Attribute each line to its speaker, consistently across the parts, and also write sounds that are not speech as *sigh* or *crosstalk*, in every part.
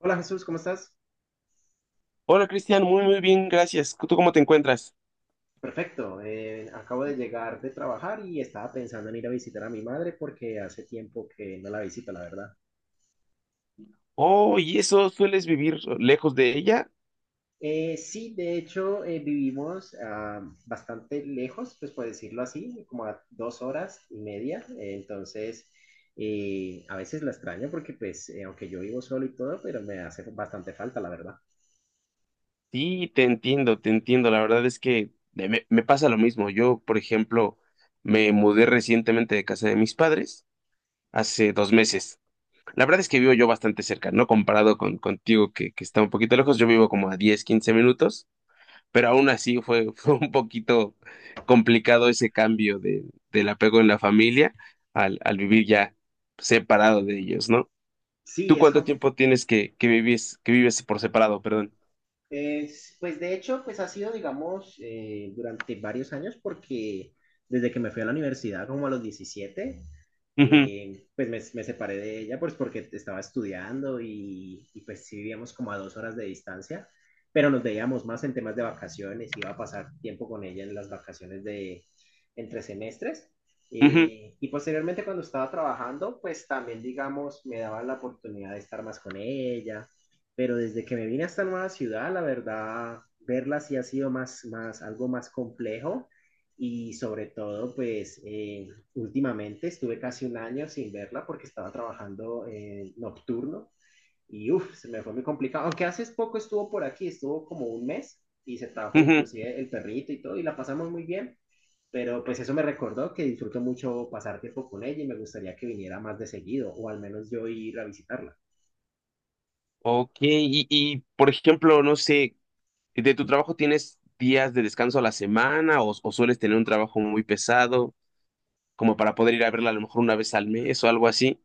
Speaker 1: Hola Jesús, ¿cómo estás?
Speaker 2: Hola Cristian, muy muy bien, gracias. ¿Tú cómo te encuentras?
Speaker 1: Perfecto, acabo de llegar de trabajar y estaba pensando en ir a visitar a mi madre porque hace tiempo que no la visito, la verdad.
Speaker 2: Oh, ¿y eso sueles vivir lejos de ella?
Speaker 1: Sí, de hecho, vivimos bastante lejos, pues por decirlo así, como a 2 horas y media, entonces a veces la extraño porque pues aunque yo vivo solo y todo, pero me hace bastante falta, la verdad.
Speaker 2: Sí, te entiendo, te entiendo. La verdad es que me pasa lo mismo. Yo, por ejemplo, me mudé recientemente de casa de mis padres hace 2 meses. La verdad es que vivo yo bastante cerca, ¿no? Comparado contigo que está un poquito lejos, yo vivo como a 10 15 minutos, pero aún así fue, *laughs* fue un poquito complicado ese cambio de, del apego en la familia al vivir ya separado de ellos, ¿no?
Speaker 1: Sí,
Speaker 2: ¿Tú cuánto tiempo tienes que vives por separado, perdón?
Speaker 1: es, pues de hecho, pues ha sido, digamos, durante varios años porque desde que me fui a la universidad, como a los 17,
Speaker 2: Ujú,
Speaker 1: pues separé de ella pues porque estaba estudiando pues sí vivíamos como a dos horas de distancia, pero nos veíamos más en temas de vacaciones, iba a pasar tiempo con ella en las vacaciones de entre semestres.
Speaker 2: ujú,
Speaker 1: Y posteriormente cuando estaba trabajando, pues también, digamos, me daba la oportunidad de estar más con ella, pero desde que me vine a esta nueva ciudad, la verdad, verla sí ha sido algo más complejo y sobre todo, pues, últimamente estuve casi un año sin verla porque estaba trabajando nocturno y uff, se me fue muy complicado. Aunque hace poco estuvo por aquí, estuvo como un mes y se trajo
Speaker 2: ujú.
Speaker 1: inclusive el perrito y todo y la pasamos muy bien. Pero pues eso me recordó que disfruto mucho pasar tiempo con ella y me gustaría que viniera más de seguido o al menos yo ir a visitarla.
Speaker 2: Ok, y por ejemplo, no sé, ¿de tu trabajo tienes días de descanso a la semana o sueles tener un trabajo muy pesado como para poder ir a verla a lo mejor una vez al mes o algo así?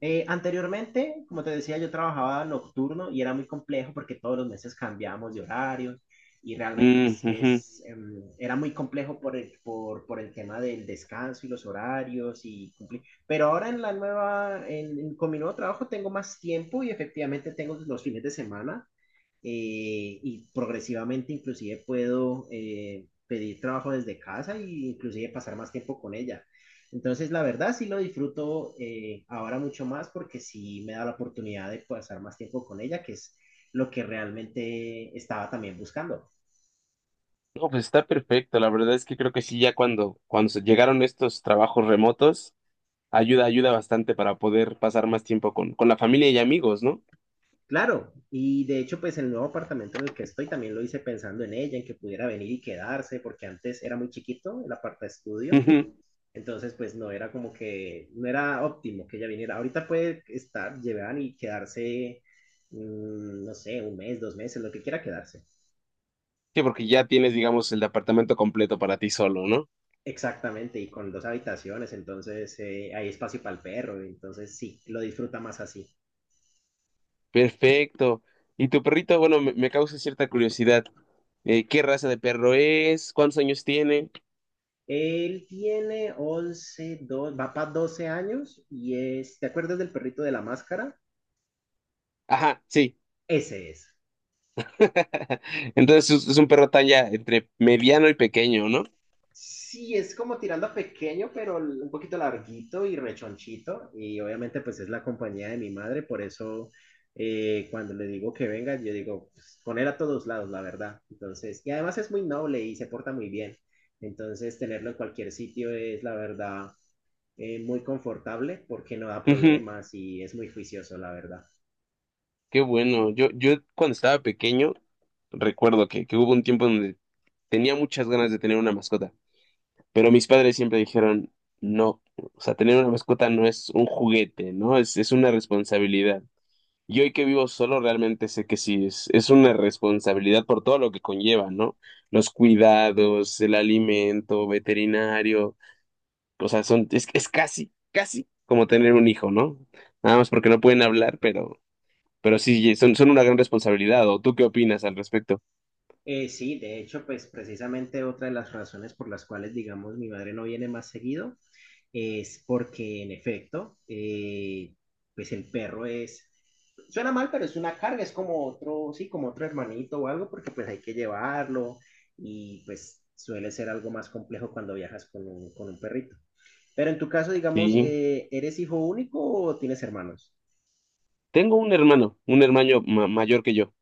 Speaker 1: Anteriormente, como te decía, yo trabajaba nocturno y era muy complejo porque todos los meses cambiábamos de horarios y realmente
Speaker 2: Mm, ujú.
Speaker 1: era muy complejo por el tema del descanso y los horarios y cumplir. Pero ahora en la nueva, con mi nuevo trabajo tengo más tiempo y efectivamente tengo los fines de semana y progresivamente inclusive puedo pedir trabajo desde casa e inclusive pasar más tiempo con ella. Entonces, la verdad sí lo disfruto, ahora mucho más porque sí me da la oportunidad de pasar más tiempo con ella, que es lo que realmente estaba también buscando.
Speaker 2: No, pues está perfecto. La verdad es que creo que sí, ya cuando se llegaron estos trabajos remotos, ayuda bastante para poder pasar más tiempo con la familia y amigos, ¿no?
Speaker 1: Claro, y de hecho, pues el nuevo apartamento en el que estoy también lo hice pensando en ella, en que pudiera venir y quedarse, porque antes era muy chiquito el aparta estudio.
Speaker 2: Ujú.
Speaker 1: Entonces, pues no era como que, no era óptimo que ella viniera. Ahorita puede estar, llevar y quedarse, no sé, un mes, 2 meses, lo que quiera quedarse.
Speaker 2: Sí, porque ya tienes, digamos, el departamento completo para ti solo, ¿no?
Speaker 1: Exactamente, y con dos habitaciones, entonces hay espacio para el perro, entonces sí, lo disfruta más así.
Speaker 2: Perfecto. Y tu perrito, bueno, me causa cierta curiosidad. ¿Qué raza de perro es? ¿Cuántos años tiene?
Speaker 1: Él tiene 11, dos va para 12 años y es, ¿te acuerdas del perrito de la máscara?
Speaker 2: Ajá, sí.
Speaker 1: Ese es.
Speaker 2: *laughs* Entonces es un perro tan ya entre mediano y pequeño, ¿no?
Speaker 1: Sí, es como tirando a pequeño, pero un poquito larguito y rechonchito. Y obviamente pues es la compañía de mi madre, por eso, cuando le digo que venga, yo digo, pues, con él a todos lados, la verdad. Entonces, y además es muy noble y se porta muy bien. Entonces, tenerlo en cualquier sitio es, la verdad, muy confortable porque no da
Speaker 2: Ujú,
Speaker 1: problemas y es muy juicioso, la verdad.
Speaker 2: qué bueno. Yo cuando estaba pequeño, recuerdo que hubo un tiempo donde tenía muchas ganas de tener una mascota, pero mis padres siempre dijeron, no, o sea, tener una mascota no es un juguete, ¿no? Es una responsabilidad. Y hoy que vivo solo, realmente sé que sí, es una responsabilidad por todo lo que conlleva, ¿no? Los cuidados, el alimento, veterinario. O sea, es casi, casi como tener un hijo, ¿no? Nada más porque no pueden hablar, pero sí, son una gran responsabilidad. ¿O tú qué opinas al respecto?
Speaker 1: Sí, de hecho, pues precisamente otra de las razones por las cuales, digamos, mi madre no viene más seguido es porque en efecto, pues el perro es, suena mal, pero es una carga, es como otro, sí, como otro hermanito o algo, porque pues hay que llevarlo y pues suele ser algo más complejo cuando viajas con un perrito. Pero en tu caso, digamos,
Speaker 2: Sí,
Speaker 1: ¿eres hijo único o tienes hermanos?
Speaker 2: tengo un hermano mayor que yo.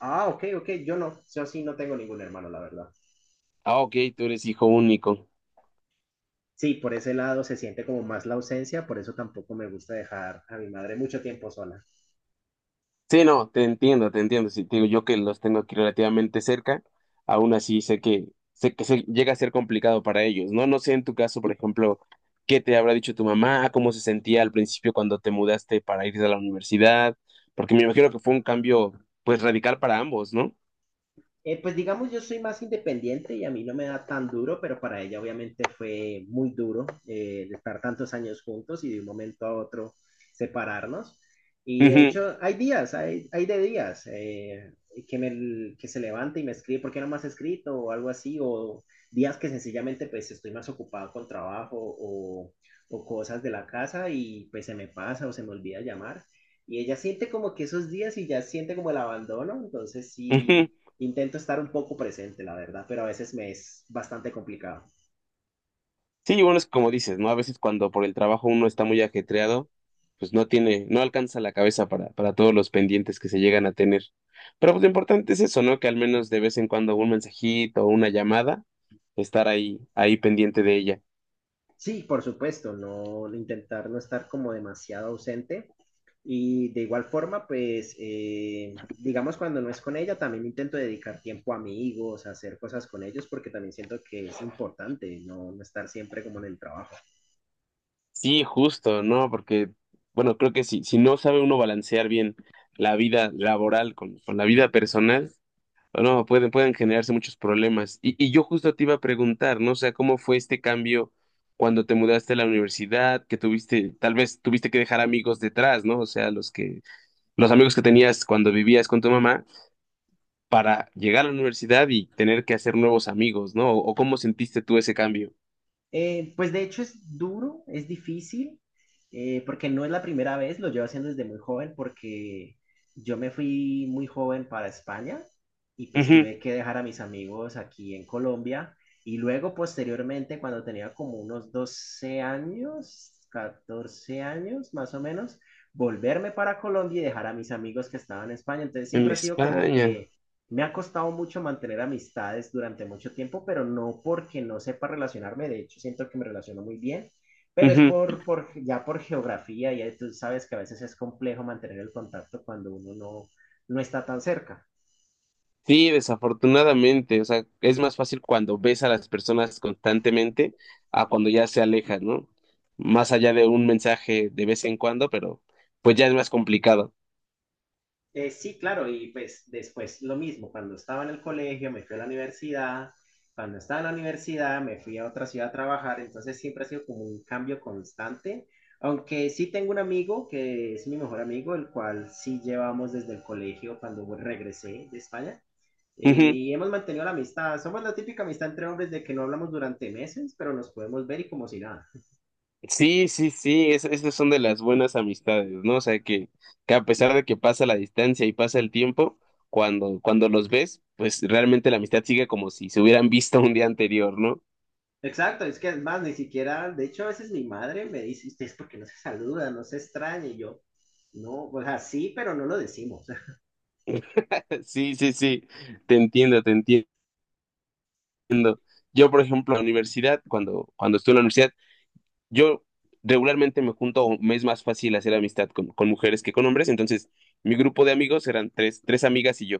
Speaker 1: Ah, ok, ok, yo no, yo sí no tengo ningún hermano, la verdad.
Speaker 2: Ah, ok, tú eres hijo único.
Speaker 1: Sí, por ese lado se siente como más la ausencia, por eso tampoco me gusta dejar a mi madre mucho tiempo sola.
Speaker 2: Sí, no, te entiendo, te entiendo. Sí, te digo yo que los tengo aquí relativamente cerca, aún así sé que se llega a ser complicado para ellos, ¿no? No sé en tu caso, por ejemplo, qué te habrá dicho tu mamá, cómo se sentía al principio cuando te mudaste para ir a la universidad, porque me imagino que fue un cambio pues radical para ambos, ¿no?
Speaker 1: Pues digamos, yo soy más independiente y a mí no me da tan duro, pero para ella obviamente fue muy duro, el estar tantos años juntos y de un momento a otro separarnos. Y de
Speaker 2: Ujú,
Speaker 1: hecho, hay días, hay de días que se levanta y me escribe, ¿por qué no me has escrito? O algo así, o días que sencillamente pues estoy más ocupado con trabajo o cosas de la casa y pues se me pasa o se me olvida llamar. Y ella siente como que esos días y ya siente como el abandono, entonces
Speaker 2: ujú.
Speaker 1: sí intento estar un poco presente, la verdad, pero a veces me es bastante complicado.
Speaker 2: Sí, y bueno, es como dices, ¿no? A veces cuando por el trabajo uno está muy ajetreado, pues no tiene, no alcanza la cabeza para todos los pendientes que se llegan a tener. Pero pues lo importante es eso, ¿no? Que al menos de vez en cuando un mensajito o una llamada, estar ahí pendiente de ella.
Speaker 1: Sí, por supuesto, no intentar no estar como demasiado ausente. Y de igual forma, pues, digamos, cuando no es con ella, también intento dedicar tiempo a amigos, a hacer cosas con ellos, porque también siento que es importante no estar siempre como en el trabajo.
Speaker 2: Sí, justo, ¿no? Porque, bueno, creo que si no sabe uno balancear bien la vida laboral con la vida personal, o no, pueden generarse muchos problemas. Y yo justo te iba a preguntar, ¿no? O sea, ¿cómo fue este cambio cuando te mudaste a la universidad? Que tuviste, tal vez tuviste que dejar amigos detrás, ¿no? O sea, los amigos que tenías cuando vivías con tu mamá para llegar a la universidad y tener que hacer nuevos amigos, ¿no? ¿O cómo sentiste tú ese cambio?
Speaker 1: Pues de hecho es duro, es difícil, porque no es la primera vez, lo llevo haciendo desde muy joven, porque yo me fui muy joven para España y pues
Speaker 2: Ujú.
Speaker 1: tuve que dejar a mis amigos aquí en Colombia y luego posteriormente cuando tenía como unos 12 años, 14 años más o menos, volverme para Colombia y dejar a mis amigos que estaban en España. Entonces
Speaker 2: En
Speaker 1: siempre ha sido como
Speaker 2: España.
Speaker 1: que me ha costado mucho mantener amistades durante mucho tiempo, pero no porque no sepa relacionarme, de hecho siento que me relaciono muy bien, pero es
Speaker 2: Ujú.
Speaker 1: por ya por geografía, ya tú sabes que a veces es complejo mantener el contacto cuando uno no está tan cerca.
Speaker 2: Sí, desafortunadamente, o sea, es más fácil cuando ves a las personas constantemente a cuando ya se alejan, ¿no? Más allá de un mensaje de vez en cuando, pero pues ya es más complicado.
Speaker 1: Sí, claro, y pues después lo mismo, cuando estaba en el colegio me fui a la universidad, cuando estaba en la universidad me fui a otra ciudad a trabajar, entonces siempre ha sido como un cambio constante, aunque sí tengo un amigo que es mi mejor amigo, el cual sí llevamos desde el colegio cuando regresé de España.
Speaker 2: Ujú.
Speaker 1: Y hemos mantenido la amistad. Somos la típica amistad entre hombres de que no hablamos durante meses, pero nos podemos ver y como si nada.
Speaker 2: Sí, sí, sí, esas son de las buenas amistades, ¿no? O sea, que a pesar de que pasa la distancia y pasa el tiempo, cuando los ves, pues realmente la amistad sigue como si se hubieran visto un día anterior, ¿no?
Speaker 1: Exacto, es que además ni siquiera, de hecho a veces mi madre me dice: "Este, es porque no se saluda, no se extraña", y yo, no, o sea, sí, pero no lo decimos. *laughs*
Speaker 2: *laughs* Sí, sí, sí, te entiendo, te entiendo. Haciendo. Yo, por ejemplo, en la universidad, cuando estuve en la universidad, yo regularmente me junto, o me es más fácil hacer amistad con mujeres que con hombres, entonces mi grupo de amigos eran tres amigas y yo.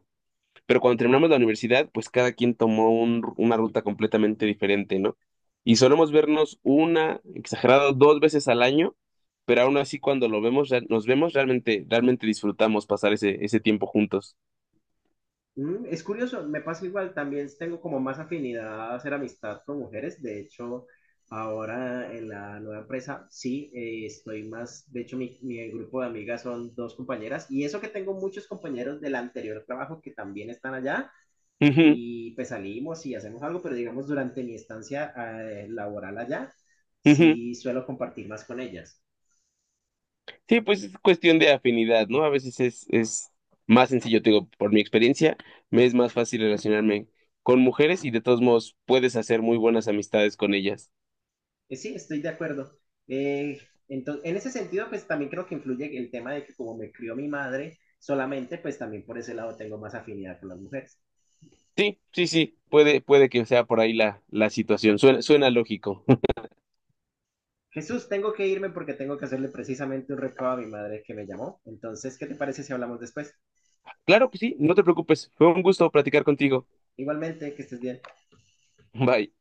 Speaker 2: Pero cuando terminamos la universidad, pues cada quien tomó una ruta completamente diferente, ¿no? Y solemos vernos una, exagerado, dos veces al año, pero aún así cuando lo vemos, nos vemos, realmente disfrutamos pasar ese tiempo juntos.
Speaker 1: Es curioso, me pasa igual, también tengo como más afinidad a hacer amistad con mujeres, de hecho, ahora en la nueva empresa, sí, estoy más, de hecho mi, mi grupo de amigas son dos compañeras, y eso que tengo muchos compañeros del anterior trabajo que también están allá,
Speaker 2: Ujú,
Speaker 1: y pues salimos y hacemos algo, pero digamos durante mi estancia laboral allá,
Speaker 2: ujú.
Speaker 1: sí suelo compartir más con ellas.
Speaker 2: Sí, pues es cuestión de afinidad, ¿no? A veces es más sencillo, te digo, por mi experiencia, me es más fácil relacionarme con mujeres y de todos modos puedes hacer muy buenas amistades con ellas.
Speaker 1: Sí, estoy de acuerdo. Eh, entonces, en ese sentido, pues también creo que influye el tema de que como me crió mi madre solamente, pues también por ese lado tengo más afinidad con las mujeres.
Speaker 2: Sí, sí, sí, puede que sea por ahí la situación. Suena lógico. *laughs*
Speaker 1: Jesús, tengo que irme porque tengo que hacerle precisamente un recado a mi madre que me llamó. Entonces, ¿qué te parece si hablamos después?
Speaker 2: Claro que sí, no te preocupes. Fue un gusto platicar contigo.
Speaker 1: Igualmente, que estés bien.
Speaker 2: Bye.